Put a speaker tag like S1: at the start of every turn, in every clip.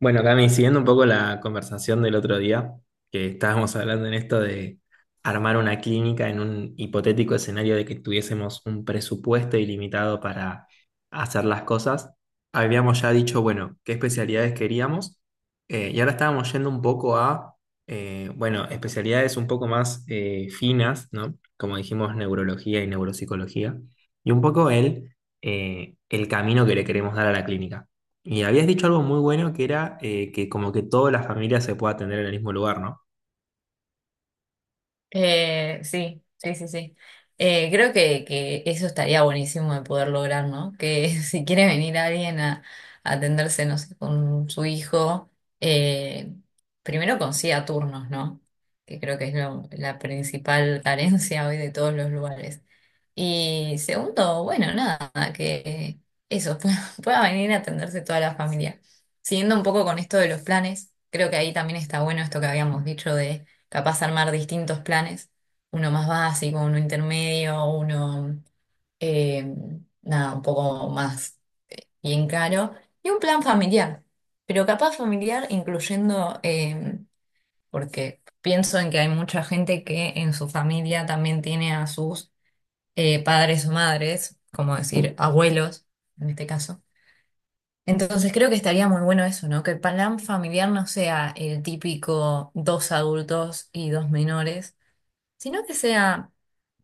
S1: Bueno, Cami, siguiendo un poco la conversación del otro día, que estábamos hablando en esto de armar una clínica en un hipotético escenario de que tuviésemos un presupuesto ilimitado para hacer las cosas, habíamos ya dicho, bueno, qué especialidades queríamos, y ahora estábamos yendo un poco a, bueno, especialidades un poco más finas, ¿no? Como dijimos, neurología y neuropsicología, y un poco el camino que le queremos dar a la clínica. Y habías dicho algo muy bueno que era que como que toda la familia se pueda atender en el mismo lugar, ¿no?
S2: Sí, sí, sí, sí. Creo que eso estaría buenísimo de poder lograr, ¿no? Que si quiere venir alguien a atenderse, no sé, con su hijo, eh, primero consiga turnos, ¿no? Que creo que es la principal carencia hoy de todos los lugares. Y segundo, bueno, nada, que eso, pueda, pueda venir a atenderse toda la familia. Siguiendo un poco con esto de los planes, creo que ahí también está bueno esto que habíamos dicho capaz armar distintos planes, uno más básico, uno intermedio, uno, eh, nada, un poco más bien caro, y un plan familiar, pero capaz familiar incluyendo, porque pienso en que hay mucha gente que en su familia también tiene a sus padres o madres, como decir, abuelos, en este caso. Entonces creo que estaría muy bueno eso, ¿no? Que el plan familiar no sea el típico dos adultos y dos menores sino que sea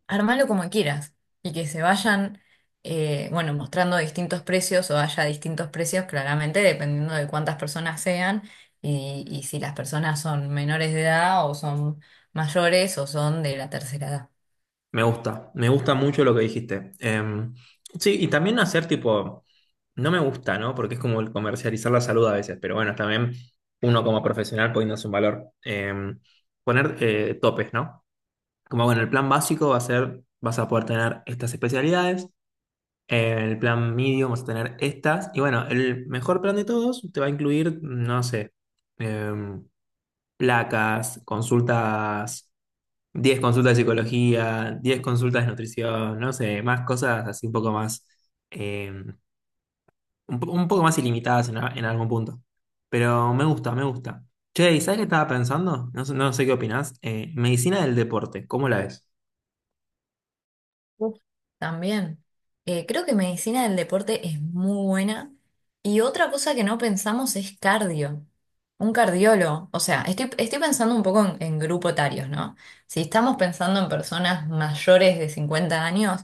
S2: armarlo como quieras y que se vayan, bueno, mostrando distintos precios o haya distintos precios claramente dependiendo de cuántas personas sean y si las personas son menores de edad o son mayores o son de la tercera edad.
S1: Me gusta mucho lo que dijiste. Sí, y también hacer tipo, no me gusta, ¿no? Porque es como el comercializar la salud a veces, pero bueno, también uno como profesional poniéndose un valor. Poner topes, ¿no? Como bueno, el plan básico va a ser, vas a poder tener estas especialidades, el plan medium vas a tener estas, y bueno, el mejor plan de todos te va a incluir, no sé. em, Placas, consultas, 10 consultas de psicología, 10 consultas de nutrición, no sé, más cosas así un poco más, eh, un poco más ilimitadas en, en algún punto. Pero me gusta, me gusta. Che, ¿y sabes qué estaba pensando? No, no sé qué opinás. Medicina del deporte, ¿cómo la ves?
S2: Uf, también. Creo que medicina del deporte es muy buena. Y otra cosa que no pensamos es cardio. Un cardiólogo. O sea, estoy pensando un poco en grupos etarios, ¿no? Si estamos pensando en personas mayores de 50 años,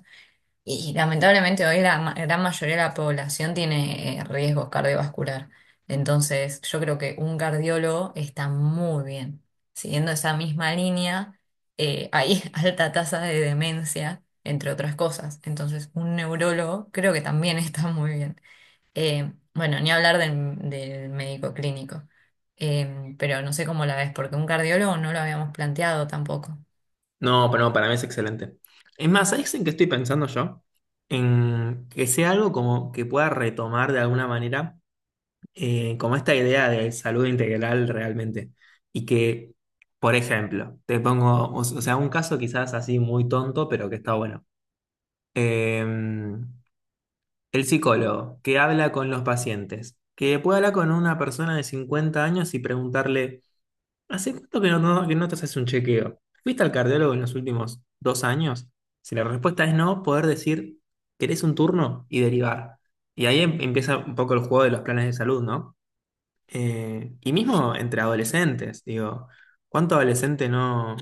S2: y lamentablemente hoy la gran mayoría de la población tiene riesgos cardiovascular. Entonces, yo creo que un cardiólogo está muy bien. Siguiendo esa misma línea, hay alta tasa de demencia, entre otras cosas. Entonces, un neurólogo creo que también está muy bien. Bueno, ni hablar del médico clínico. Pero no sé cómo la ves, porque un cardiólogo no lo habíamos planteado tampoco.
S1: No, pero no, para mí es excelente. Es más, ¿sabes en qué estoy pensando yo? En que sea algo como que pueda retomar de alguna manera como esta idea de salud integral realmente. Y que, por ejemplo, te pongo, o sea, un caso quizás así muy tonto, pero que está bueno. Eh, el psicólogo que habla con los pacientes, que puede hablar con una persona de 50 años y preguntarle, ¿hace cuánto que que no te haces un chequeo? ¿Fuiste al cardiólogo en los últimos 2 años? Si la respuesta es no, poder decir, ¿querés un turno? Y derivar. Y ahí empieza un poco el juego de los planes de salud, ¿no? Y mismo entre adolescentes, digo, ¿cuánto adolescente no...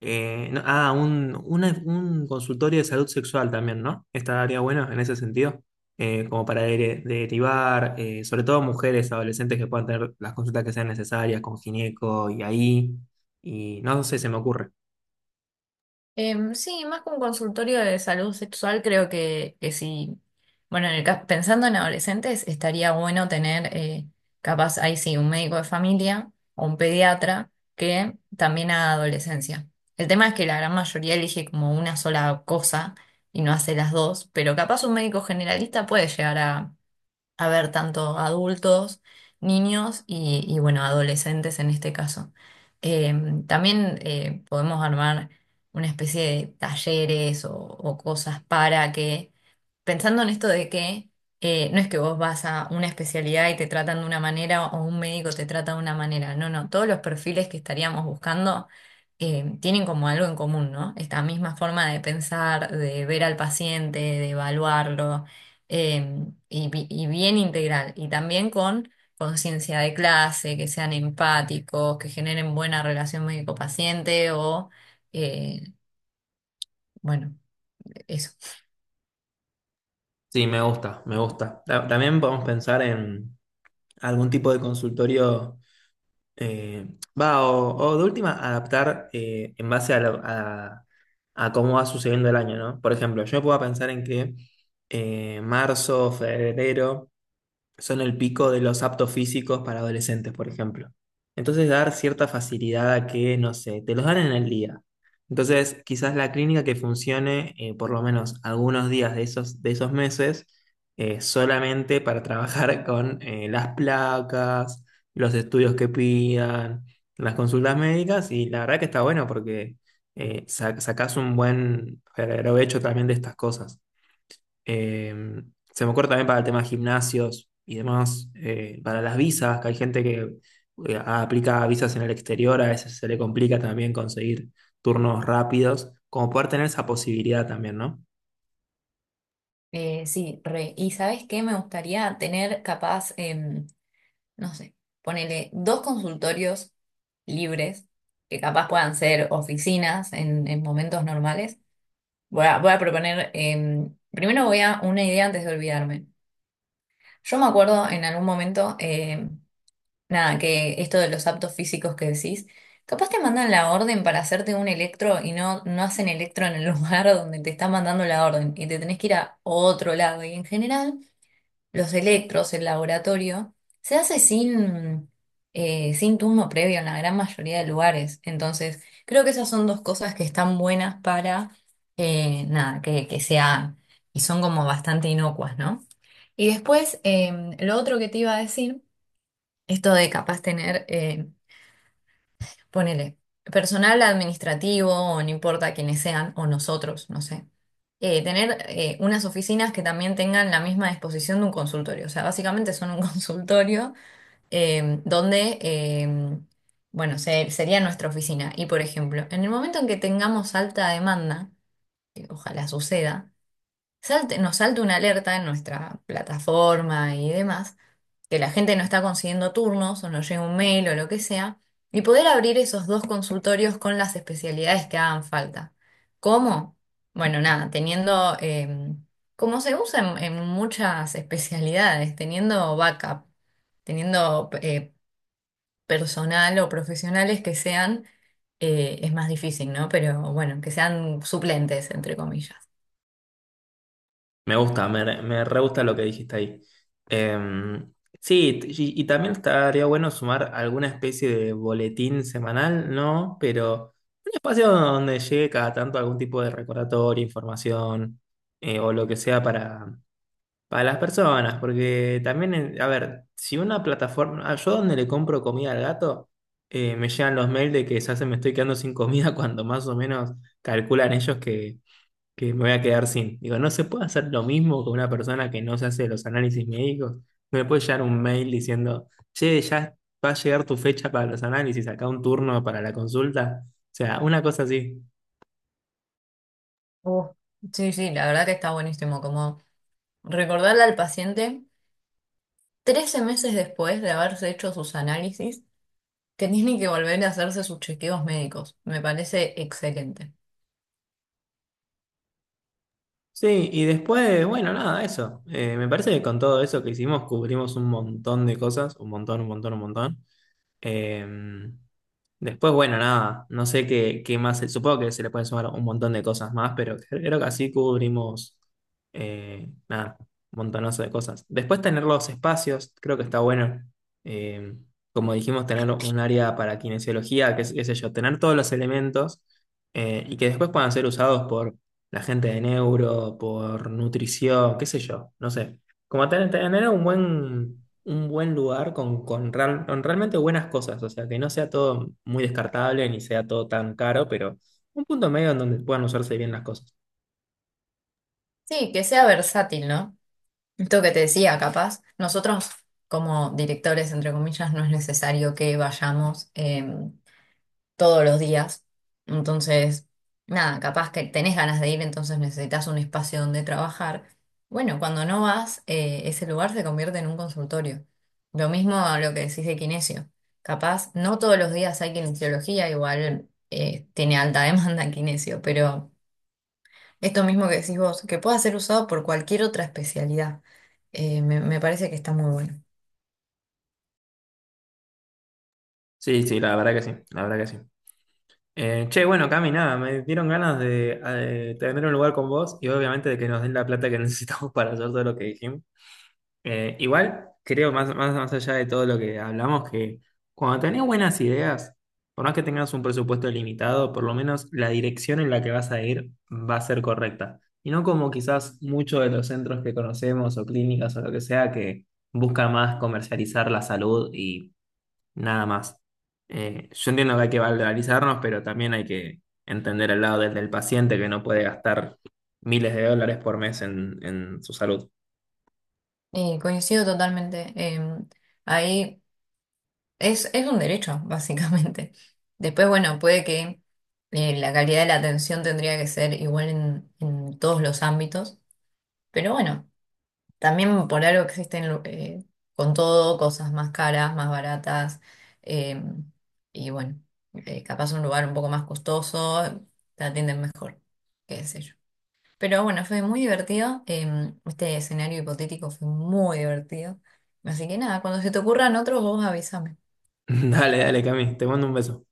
S1: un consultorio de salud sexual también, ¿no? Estaría bueno en ese sentido, como para derivar, sobre todo mujeres adolescentes que puedan tener las consultas que sean necesarias con gineco y ahí, y no sé, se me ocurre.
S2: Em, sí, más que un consultorio de salud sexual, creo que sí. Bueno, en pensando en adolescentes, estaría bueno tener, capaz, ahí sí, un médico de familia o un pediatra que también haga adolescencia. El tema es que la gran mayoría elige como una sola cosa y no hace las dos, pero capaz un médico generalista puede llegar a ver tanto adultos, niños y bueno, adolescentes en este caso. Eh, También podemos armar una especie de talleres o cosas para que pensando en esto de que no es que vos vas a una especialidad y te tratan de una manera o un médico te trata de una manera. No, no, todos los perfiles que estaríamos buscando tienen como algo en común, ¿no? Esta misma forma de pensar, de ver al paciente, de evaluarlo y, y bien integral. Y también con conciencia de clase, que sean empáticos, que generen buena relación médico-paciente o, eh, bueno, eso.
S1: Sí, me gusta, me gusta. También podemos pensar en algún tipo de consultorio. Eh, o de última, adaptar en base a, a cómo va sucediendo el año, ¿no? Por ejemplo, yo puedo pensar en que marzo, febrero son el pico de los aptos físicos para adolescentes, por ejemplo. Entonces, dar cierta facilidad a que, no sé, te los dan en el día. Entonces, quizás la clínica que funcione por lo menos algunos días de esos meses solamente para trabajar con las placas, los estudios que pidan, las consultas médicas y la verdad que está bueno porque sacás un buen provecho también de estas cosas. Eh, Se me ocurre también para el tema de gimnasios y demás, para las visas, que hay gente que aplica visas en el exterior, a veces se le complica también conseguir turnos rápidos, como poder tener esa posibilidad también, ¿no?
S2: Sí, re. ¿Y sabes qué? Me gustaría tener capaz, em, no sé, ponele dos consultorios libres, que capaz puedan ser oficinas en momentos normales. Voy a proponer, em, primero voy a una idea antes de olvidarme. Yo me acuerdo en algún momento, em, nada, que esto de los aptos físicos que decís, capaz te mandan la orden para hacerte un electro y no, no hacen electro en el lugar donde te están mandando la orden y te tenés que ir a otro lado. Y en general los electros, el laboratorio, se hace sin, sin turno previo en la gran mayoría de lugares. Entonces, creo que esas son dos cosas que están buenas para, nada, que se Y son como bastante inocuas, ¿no? Y después, em, lo otro que te iba a decir, esto de capaz tener ponele, personal administrativo, o no importa quiénes sean, o nosotros, no sé, tener unas oficinas que también tengan la misma disposición de un consultorio. O sea, básicamente son un consultorio donde, bueno, sería nuestra oficina. Y por ejemplo, en el momento en que tengamos alta demanda, que ojalá suceda, nos salte una alerta en nuestra plataforma y demás que la gente no está consiguiendo turnos o no llega un mail o lo que sea, y poder abrir esos dos consultorios con las especialidades que hagan falta. ¿Cómo? Bueno, nada, teniendo, como se usa en muchas especialidades, teniendo backup, teniendo personal o profesionales que sean, es más difícil, ¿no? Pero bueno, que sean suplentes, entre comillas.
S1: Me gusta, me re gusta lo que dijiste ahí. Eh, sí, y también estaría bueno sumar alguna especie de boletín semanal, ¿no? Pero un espacio donde llegue cada tanto algún tipo de recordatorio, información o lo que sea para. Para las personas, porque también, a ver, si una plataforma, ah, yo donde le compro comida al gato, me llegan los mails de que ya se me estoy quedando sin comida cuando más o menos calculan ellos que me voy a quedar sin. Digo, no se puede hacer lo mismo con una persona que no se hace los análisis médicos. No me puede llegar un mail diciendo, che, ya va a llegar tu fecha para los análisis, acá un turno para la consulta. O sea, una cosa así.
S2: Uh, sí, sí, la verdad que está buenísimo, como recordarle al paciente 13 meses después de haberse hecho sus análisis, que tiene que volver a hacerse sus chequeos médicos. Me parece excelente.
S1: Sí, y después, bueno, nada, eso. Me parece que con todo eso que hicimos cubrimos un montón de cosas, un montón, un montón, un montón. Em, Después, bueno, nada, no sé qué, qué más, supongo que se le pueden sumar un montón de cosas más, pero creo que así cubrimos, nada, un montonazo de cosas. Después tener los espacios, creo que está bueno. Em, Como dijimos, tener un área para kinesiología, qué sé yo, tener todos los elementos y que después puedan ser usados por la gente de neuro, por nutrición, qué sé yo, no sé. Como tener un buen lugar con, con realmente buenas cosas, o sea, que no sea todo muy descartable ni sea todo tan caro, pero un punto medio en donde puedan usarse bien las cosas.
S2: Sí, que sea versátil, ¿no? Esto que te decía, capaz, nosotros como directores, entre comillas, no es necesario que vayamos, todos los días. Entonces, nada, capaz que tenés ganas de ir, entonces necesitas un espacio donde trabajar. Bueno, cuando no vas, ese lugar se convierte en un consultorio. Lo mismo a lo que decís de kinesio. Capaz, no todos los días hay kinesiología, igual tiene alta demanda kinesio, pero esto mismo que decís vos, que pueda ser usado por cualquier otra especialidad, me parece que está muy bueno.
S1: Sí, sí, la verdad que sí, la verdad que sí. Che, bueno, Cami, nada, me dieron ganas de, tener un lugar con vos y obviamente de que nos den la plata que necesitamos para hacer todo lo que dijimos. Igual, creo, más, más, más allá de todo lo que hablamos, que cuando tenés buenas ideas, por más que tengas un presupuesto limitado, por lo menos la dirección en la que vas a ir va a ser correcta. Y no como quizás muchos de los centros que conocemos o clínicas o lo que sea que busca más comercializar la salud y nada más. Yo entiendo que hay que valorizarnos, pero también hay que entender el lado del, del paciente que no puede gastar miles de dólares por mes en su salud.
S2: Y coincido totalmente, em, ahí. Es un derecho, básicamente. Después, bueno, puede que la calidad de la atención tendría que ser igual en todos los ámbitos, pero bueno, también por algo existen con todo cosas más caras, más baratas, eh, y bueno, capaz un lugar un poco más costoso, te atienden mejor, qué sé yo. Pero bueno, fue muy divertido, este escenario hipotético fue muy divertido, así que nada, cuando se te ocurran otros, vos avísame.
S1: Dale, dale, Cami, te mando un beso.